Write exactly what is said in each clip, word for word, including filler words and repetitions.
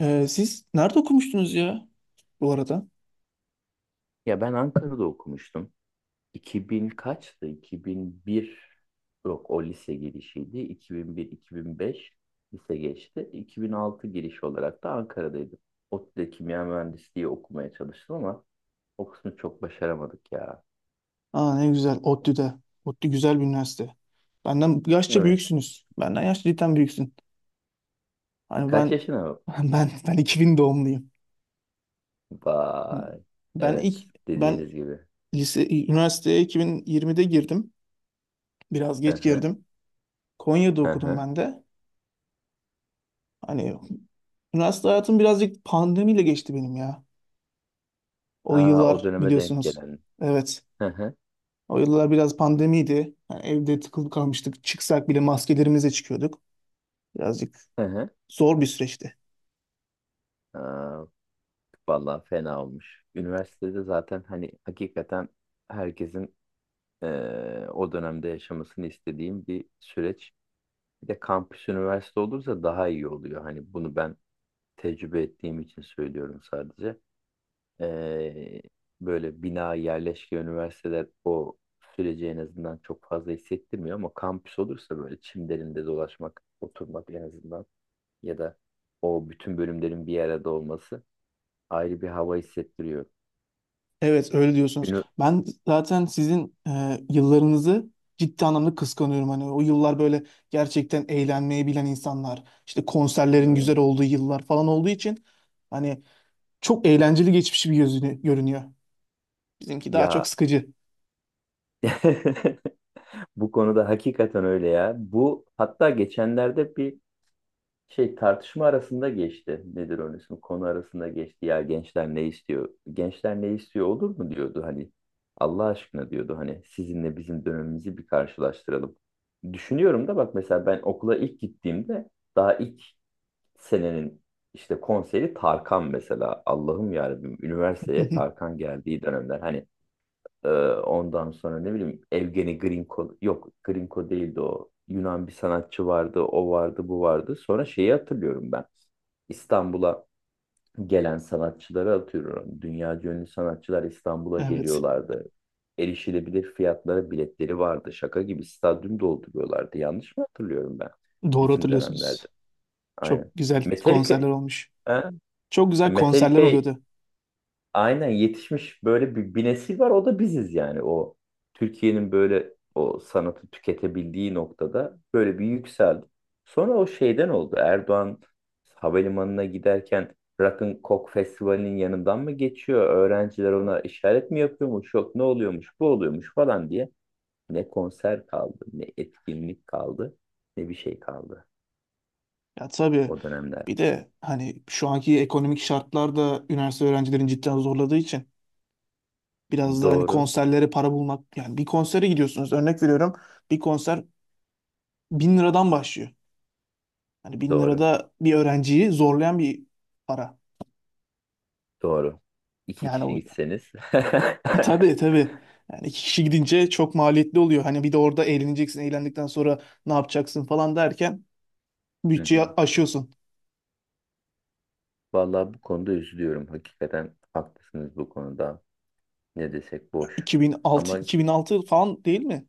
Ee, siz nerede okumuştunuz ya bu arada? Ya ben Ankara'da okumuştum. iki bin kaçtı? iki bin bir, yok, o lise girişiydi. iki bin bir-iki bin beş lise geçti. iki bin altı giriş olarak da Ankara'daydım. ODTÜ'de kimya mühendisliği okumaya çalıştım, ama o kısmı çok başaramadık ya. Aa, ne güzel ODTÜ'de. ODTÜ güzel bir üniversite. Benden yaşça Evet. büyüksünüz. Benden yaşça cidden büyüksün. Hani Kaç ben. yaşına? ben ben iki bin doğumluyum. Vay. Ben Evet. ilk ben Dediğiniz gibi. lise üniversiteye iki bin yirmide girdim. Biraz Hı geç hı. girdim. Konya'da Hı okudum hı. ben de. Hani üniversite hayatım birazcık pandemiyle geçti benim ya. O Aa, o yıllar döneme denk biliyorsunuz. gelen. Evet. Hı hı. O yıllar biraz pandemiydi. Yani evde tıkılıp kalmıştık. Çıksak bile maskelerimizle çıkıyorduk. Birazcık Hı hı. zor bir süreçti. Aa, vallahi fena olmuş. Üniversitede zaten hani hakikaten herkesin eee, o dönemde yaşamasını istediğim bir süreç. Bir de kampüs üniversite olursa daha iyi oluyor. Hani bunu ben tecrübe ettiğim için söylüyorum sadece. Eee, böyle bina yerleşke üniversiteler o süreci en azından çok fazla hissettirmiyor, ama kampüs olursa böyle çimlerinde dolaşmak, oturmak en azından, ya da o bütün bölümlerin bir arada olması ayrı bir hava hissettiriyor. Evet, öyle diyorsunuz. Ünü Ben zaten sizin e, yıllarınızı ciddi anlamda kıskanıyorum. Hani o yıllar böyle gerçekten eğlenmeyi bilen insanlar, işte konserlerin Hı. güzel olduğu yıllar falan olduğu için hani çok eğlenceli geçmiş bir gözünü görünüyor. Bizimki daha çok Ya, sıkıcı. bu konuda hakikaten öyle ya. Bu, hatta geçenlerde bir şey tartışma arasında geçti. Nedir onun ismi? Konu arasında geçti. Ya gençler ne istiyor? Gençler ne istiyor olur mu diyordu hani. Allah aşkına diyordu hani, sizinle bizim dönemimizi bir karşılaştıralım. Düşünüyorum da bak, mesela ben okula ilk gittiğimde daha ilk senenin işte konseri Tarkan mesela. Allah'ım yarabbim, üniversiteye Tarkan geldiği dönemler. Hani Ee, ondan sonra ne bileyim, Evgeni Grinko, yok Grinko değildi o. Yunan bir sanatçı vardı, o vardı, bu vardı. Sonra şeyi hatırlıyorum ben. İstanbul'a gelen sanatçıları atıyorum. Dünya ünlü sanatçılar İstanbul'a Evet. geliyorlardı. Erişilebilir fiyatlara biletleri vardı. Şaka gibi stadyum dolduruyorlardı. Yanlış mı hatırlıyorum ben? Doğru Bizim dönemlerde. hatırlıyorsunuz. Çok Aynen. güzel Metallica, konserler olmuş. ha? Çok güzel konserler Metallica oluyordu. aynen yetişmiş böyle bir, bir nesil var, o da biziz yani, o Türkiye'nin böyle o sanatı tüketebildiği noktada böyle bir yükseldi. Sonra o şeyden oldu, Erdoğan havalimanına giderken Rock'n'Coke Festivali'nin yanından mı geçiyor? Öğrenciler ona işaret mi yapıyormuş? Yok ne oluyormuş bu oluyormuş falan diye. Ne konser kaldı, ne etkinlik kaldı, ne bir şey kaldı Ya tabii, o dönemler. bir de hani şu anki ekonomik şartlar da üniversite öğrencilerin cidden zorladığı için biraz da hani Doğru, konserlere para bulmak, yani bir konsere gidiyorsunuz, örnek veriyorum, bir konser bin liradan başlıyor. Hani bin doğru, lirada bir öğrenciyi zorlayan bir para. doğru. İki Yani kişi o. gitseniz. Tabii, tabii. Yani iki kişi gidince çok maliyetli oluyor. Hani bir de orada eğleneceksin, eğlendikten sonra ne yapacaksın falan derken Hı bütçeyi hı. aşıyorsun. Vallahi bu konuda üzülüyorum. Hakikaten haklısınız bu konuda. Ne desek boş. iki bin altı Ama iki bin altı falan değil mi?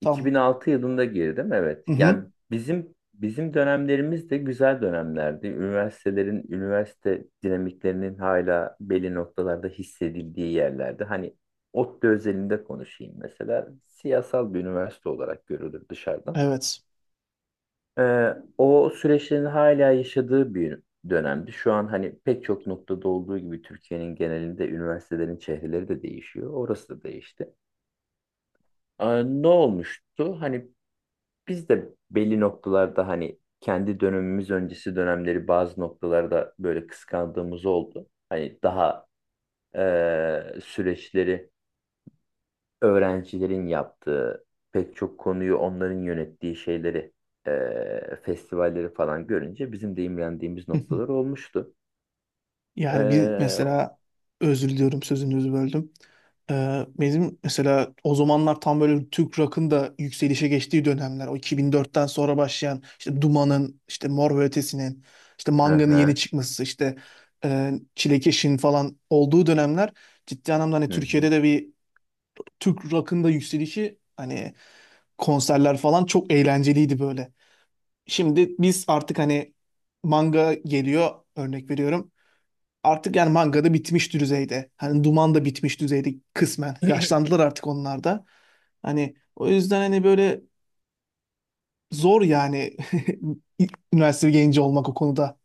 Tam. iki bin altı yılında girdim, evet. Hı Yani hı. bizim bizim dönemlerimiz de güzel dönemlerdi. Üniversitelerin üniversite dinamiklerinin hala belli noktalarda hissedildiği yerlerde. Hani ODTÜ özelinde konuşayım mesela. Siyasal bir üniversite olarak görülür dışarıdan. Evet. Ee, o süreçlerin hala yaşadığı bir dönemdi. Şu an hani pek çok noktada olduğu gibi Türkiye'nin genelinde üniversitelerin çehreleri de değişiyor. Orası da değişti. Ee, ne olmuştu? Hani biz de belli noktalarda, hani kendi dönemimiz öncesi dönemleri bazı noktalarda böyle kıskandığımız oldu. Hani daha eee, süreçleri öğrencilerin yaptığı, pek çok konuyu onların yönettiği şeyleri, e, festivalleri falan görünce bizim de imrendiğimiz noktalar olmuştu. Yani bir E, mesela, özür diliyorum, sözünüzü böldüm. Ee, bizim mesela o zamanlar tam böyle Türk rock'ın da yükselişe geçtiği dönemler. O iki bin dörtten sonra başlayan işte Duman'ın, işte Mor ve Ötesi'nin, işte Manga'nın yeni aha, çıkması, işte e, Çilekeş'in falan olduğu dönemler ciddi anlamda hani hı hı, Türkiye'de de bir Türk rock'ın da yükselişi, hani konserler falan çok eğlenceliydi böyle. Şimdi biz artık hani Manga geliyor, örnek veriyorum. Artık yani mangada bitmiş düzeyde. Hani Duman da bitmiş düzeyde kısmen. Yaşlandılar artık onlar da. Hani o yüzden hani böyle zor yani üniversite genci olmak o konuda.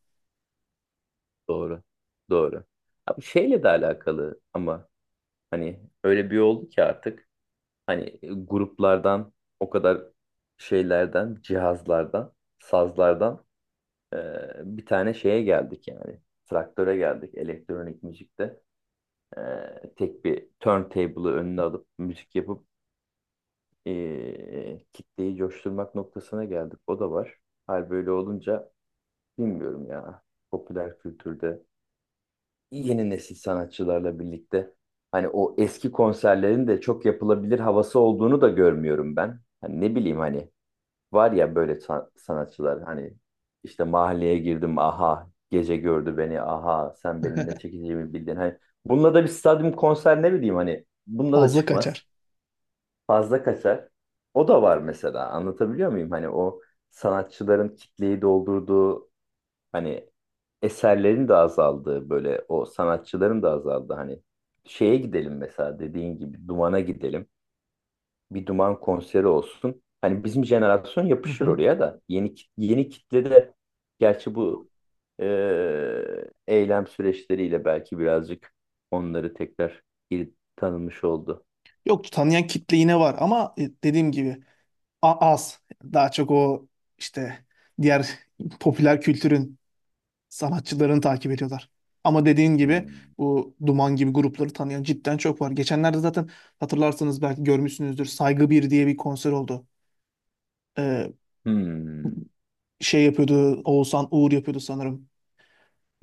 doğru. Doğru. Abi şeyle de alakalı ama, hani öyle bir oldu ki artık hani gruplardan o kadar şeylerden, cihazlardan, sazlardan, e, bir tane şeye geldik yani. Traktöre geldik elektronik müzikte. Ee, tek bir turntable'ı önüne alıp müzik yapıp, ee, kitleyi coşturmak noktasına geldik. O da var. Hal böyle olunca bilmiyorum ya. Popüler kültürde yeni nesil sanatçılarla birlikte hani o eski konserlerin de çok yapılabilir havası olduğunu da görmüyorum ben. Hani ne bileyim hani, var ya böyle sa- sanatçılar, hani işte mahalleye girdim aha gece gördü beni aha sen benim ne çekeceğimi bildin. Hani bununla da bir stadyum konser, ne bileyim hani bununla da Fazla çıkmaz, kaçar. fazla kaçar. O da var mesela, anlatabiliyor muyum? Hani o sanatçıların kitleyi doldurduğu, hani eserlerin de azaldığı, böyle o sanatçıların da azaldığı, hani şeye gidelim mesela, dediğin gibi Duman'a gidelim, bir Duman konseri olsun. Hani bizim jenerasyon Hı yapışır hı. oraya da. Yeni kit- yeni kitlede. Gerçi bu eee, eylem süreçleriyle belki birazcık onları tekrar geri tanımış oldu. Yok, tanıyan kitle yine var ama e, dediğim gibi a- az. Daha çok o işte diğer popüler kültürün sanatçılarını takip ediyorlar. Ama dediğin gibi Hmm. bu Duman gibi grupları tanıyan cidden çok var. Geçenlerde zaten hatırlarsanız belki görmüşsünüzdür. Saygı bir diye bir konser oldu. Ee, Hmm. Şey yapıyordu, Oğuzhan Uğur yapıyordu sanırım.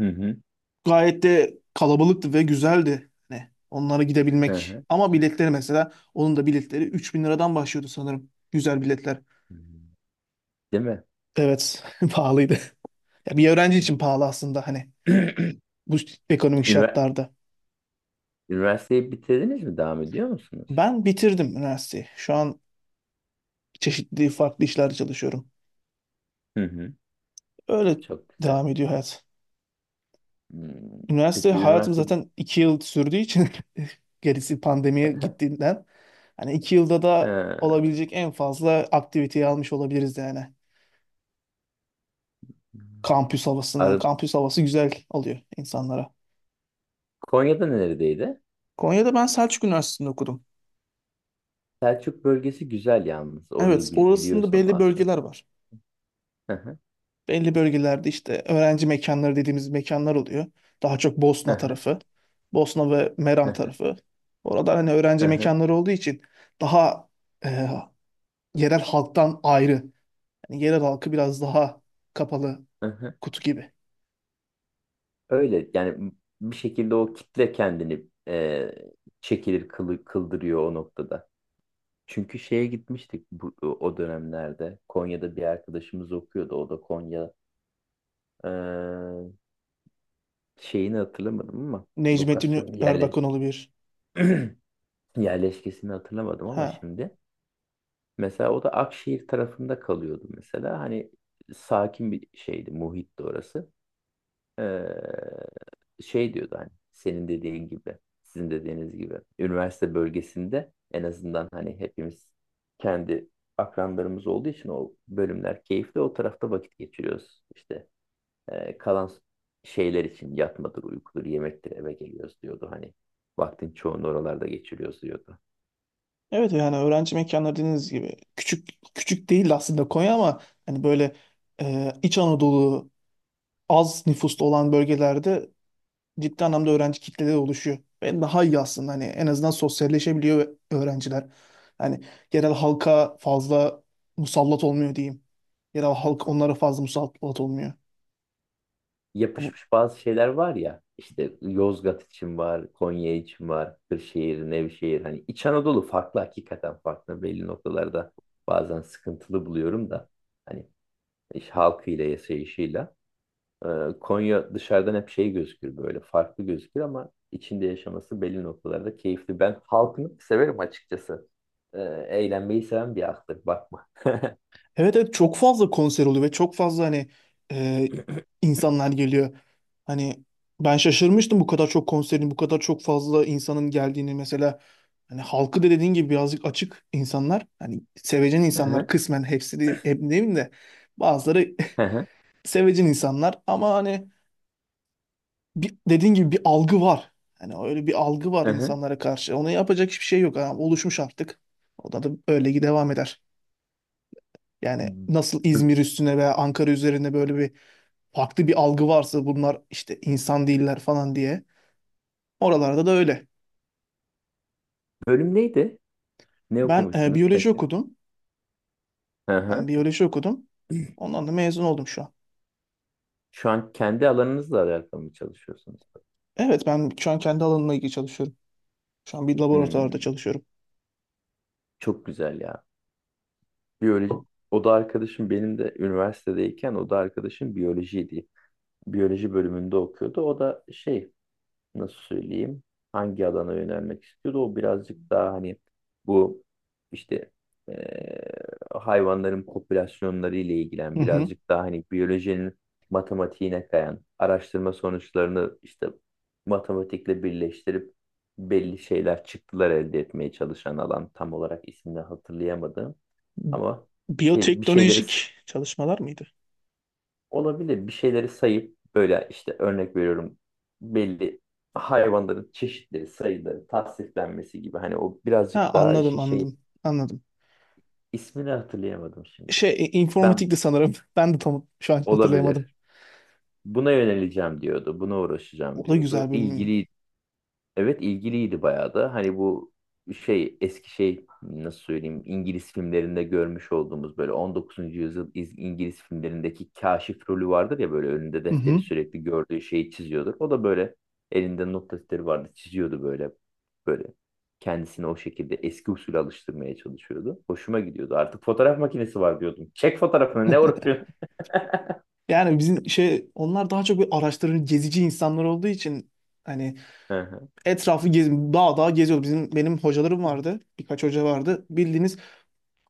Hı hı. Gayet de kalabalıktı ve güzeldi. Hani onlara Hı gidebilmek. hı. Ama biletleri mesela, onun da biletleri üç bin liradan başlıyordu sanırım. Güzel biletler. Hmm. Değil mi? Evet, pahalıydı. Ya bir öğrenci için pahalı aslında hani. Bu ekonomik Ünivers- şartlarda. Üniversiteyi bitirdiniz mi? Devam ediyor musunuz? Ben bitirdim üniversiteyi. Şu an çeşitli farklı işlerde çalışıyorum. Hı hı. Öyle Çok güzel. devam ediyor hayat. Hmm. Üniversite Peki hayatım üniversite. zaten iki yıl sürdüğü için gerisi pandemiye gittiğinden hani iki yılda da Ee, olabilecek en fazla aktiviteyi almış olabiliriz yani. Kampüs havasından. Arı- Kampüs havası güzel alıyor insanlara. Konya'da neredeydi? Konya'da ben Selçuk Üniversitesi'nde okudum. Selçuk bölgesi güzel yalnız. Orayı Evet, bil- orasında biliyorsam belli az çok. bölgeler var. Hı hı, Belli bölgelerde işte öğrenci mekanları dediğimiz mekanlar oluyor. Daha çok hı Bosna hı, tarafı, Bosna ve hı Meram hı, tarafı. Orada hani hı öğrenci hı, mekanları olduğu için daha e, yerel halktan ayrı. Yani yerel halkı biraz daha kapalı hı hı. kutu gibi. Öyle yani, bir şekilde o kitle kendini e, çekilir kılı, kıldırıyor o noktada. Çünkü şeye gitmiştik bu, o dönemlerde. Konya'da bir arkadaşımız okuyordu. O da Konya e, şeyini hatırlamadım ama Necmettin lokasyonu yerle, Erbakanoğlu bir. yerleşkesini hatırlamadım ama Ha. şimdi. Mesela o da Akşehir tarafında kalıyordu mesela. Hani sakin bir şeydi, muhitti orası. Ee, şey diyordu hani, senin dediğin gibi, sizin dediğiniz gibi. Üniversite bölgesinde en azından hani hepimiz kendi akranlarımız olduğu için o bölümler keyifli. O tarafta vakit geçiriyoruz. İşte, e, kalan şeyler için yatmadır, uykudur, yemektir, eve geliyoruz diyordu. Hani vaktin çoğunu oralarda geçiriyoruz diyordu. Evet, yani öğrenci mekanları dediğiniz gibi küçük, küçük değil aslında Konya ama hani böyle e, İç Anadolu az nüfuslu olan bölgelerde ciddi anlamda öğrenci kitlede oluşuyor. Ve daha iyi aslında hani en azından sosyalleşebiliyor öğrenciler. Yani yerel halka fazla musallat olmuyor diyeyim. Yerel halk onlara fazla musallat olmuyor. Bu- Yapışmış bazı şeyler var ya. İşte Yozgat için var, Konya için var, Kırşehir, Nevşehir. Hani İç Anadolu farklı, hakikaten farklı. Belli noktalarda bazen sıkıntılı buluyorum da. Hani iş halkıyla, yaşayışıyla. Ee, Konya dışarıdan hep şey gözükür, böyle farklı gözükür, ama içinde yaşaması belli noktalarda keyifli. Ben halkını severim açıkçası. Ee, Eğlenmeyi seven bir halktır, bakma. Evet, evet, çok fazla konser oluyor ve çok fazla hani e, insanlar geliyor. Hani ben şaşırmıştım bu kadar çok konserin, bu kadar çok fazla insanın geldiğini mesela. Hani halkı da dediğin gibi birazcık açık insanlar. Hani sevecen Hı insanlar hı, kısmen hepsi de, hep demeyeyim de bazıları hı hı, sevecen insanlar ama hani bir, dediğin gibi bir algı var. Hani öyle bir algı var hı hı. insanlara karşı. Ona yapacak hiçbir şey yok. Yani oluşmuş artık. O da, da öyle devam eder. Yani nasıl B- İzmir üstüne veya Ankara üzerine böyle bir farklı bir algı varsa bunlar işte insan değiller falan diye. Oralarda da öyle. bölüm neydi? Ne Ben e, okumuştunuz biyoloji peki? okudum. Hı Ben hı. biyoloji okudum. Ondan da mezun oldum şu an. Şu an kendi alanınızla alakalı mı çalışıyorsunuz? Evet, ben şu an kendi alanımla ilgili çalışıyorum. Şu an bir laboratuvarda Hmm, çalışıyorum. çok güzel ya. Biyoloji, o da arkadaşım, benim de üniversitedeyken o da arkadaşım biyolojiydi. Biyoloji bölümünde okuyordu. O da şey, nasıl söyleyeyim, hangi alana yönelmek istiyordu, o birazcık daha hani bu işte eee, hayvanların popülasyonları ile Hı ilgilen, hı. birazcık daha hani biyolojinin matematiğine kayan araştırma sonuçlarını işte matematikle birleştirip belli şeyler çıktılar elde etmeye çalışan alan, tam olarak ismini hatırlayamadım ama bir, şey, bir şeyleri. Biyoteknolojik çalışmalar mıydı? Olabilir. Bir şeyleri sayıp böyle işte örnek veriyorum, belli hayvanların çeşitleri, sayıları, tasniflenmesi gibi. Hani o Ha, birazcık daha anladım, işin şey, anladım, anladım. ismini hatırlayamadım şimdi. Şey, e, Ben, informatikti sanırım. Ben de tam şu an hatırlayamadım. olabilir. Buna yöneleceğim diyordu. Buna uğraşacağım O da diyordu. güzel bölüm. İlgiliydi. Evet ilgiliydi bayağı da. Hani bu şey, eski şey, nasıl söyleyeyim, İngiliz filmlerinde görmüş olduğumuz böyle on dokuzuncu yüzyıl İz- İngiliz filmlerindeki kaşif rolü vardır ya, böyle önünde Hı defteri hı. sürekli gördüğü şeyi çiziyordur. O da böyle elinde not defteri vardı, çiziyordu böyle, böyle kendisini o şekilde eski usule alıştırmaya çalışıyordu. Hoşuma gidiyordu. Artık fotoğraf makinesi var diyordum. Çek fotoğrafını, ne uğraşıyorsun? Yani bizim şey onlar daha çok bir araştırıcı, gezici insanlar olduğu için hani Hı hı, etrafı gez, dağ dağ geziyordu. Bizim benim hocalarım vardı. Birkaç hoca vardı. Bildiğiniz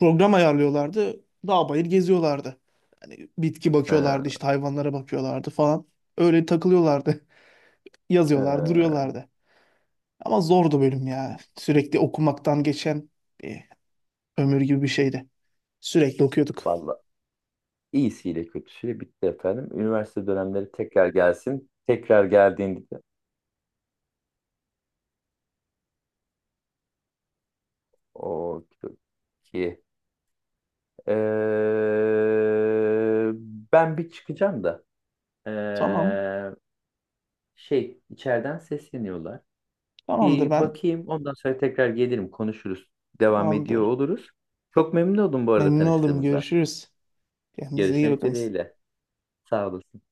program ayarlıyorlardı. Dağ bayır geziyorlardı. Hani bitki hı bakıyorlardı, işte hayvanlara bakıyorlardı falan. Öyle takılıyorlardı. Yazıyorlar, hı. duruyorlardı. Ama zordu bölüm ya. Sürekli okumaktan geçen bir ömür gibi bir şeydi. Sürekli okuyorduk. Vallahi İyisiyle kötüsüyle bitti efendim. Üniversite dönemleri tekrar gelsin. Tekrar geldiğinde de o ki. Ee, Ben bir çıkacağım da. Ee, Tamam. şey içeriden sesleniyorlar. Tamamdır Bir ben. bakayım, ondan sonra tekrar gelirim konuşuruz. Devam ediyor Tamamdır. oluruz. Çok memnun oldum bu arada Memnun oldum. tanıştığımıza. Görüşürüz. Kendinize iyi Görüşmek bakın. dileğiyle. Sağ olasın.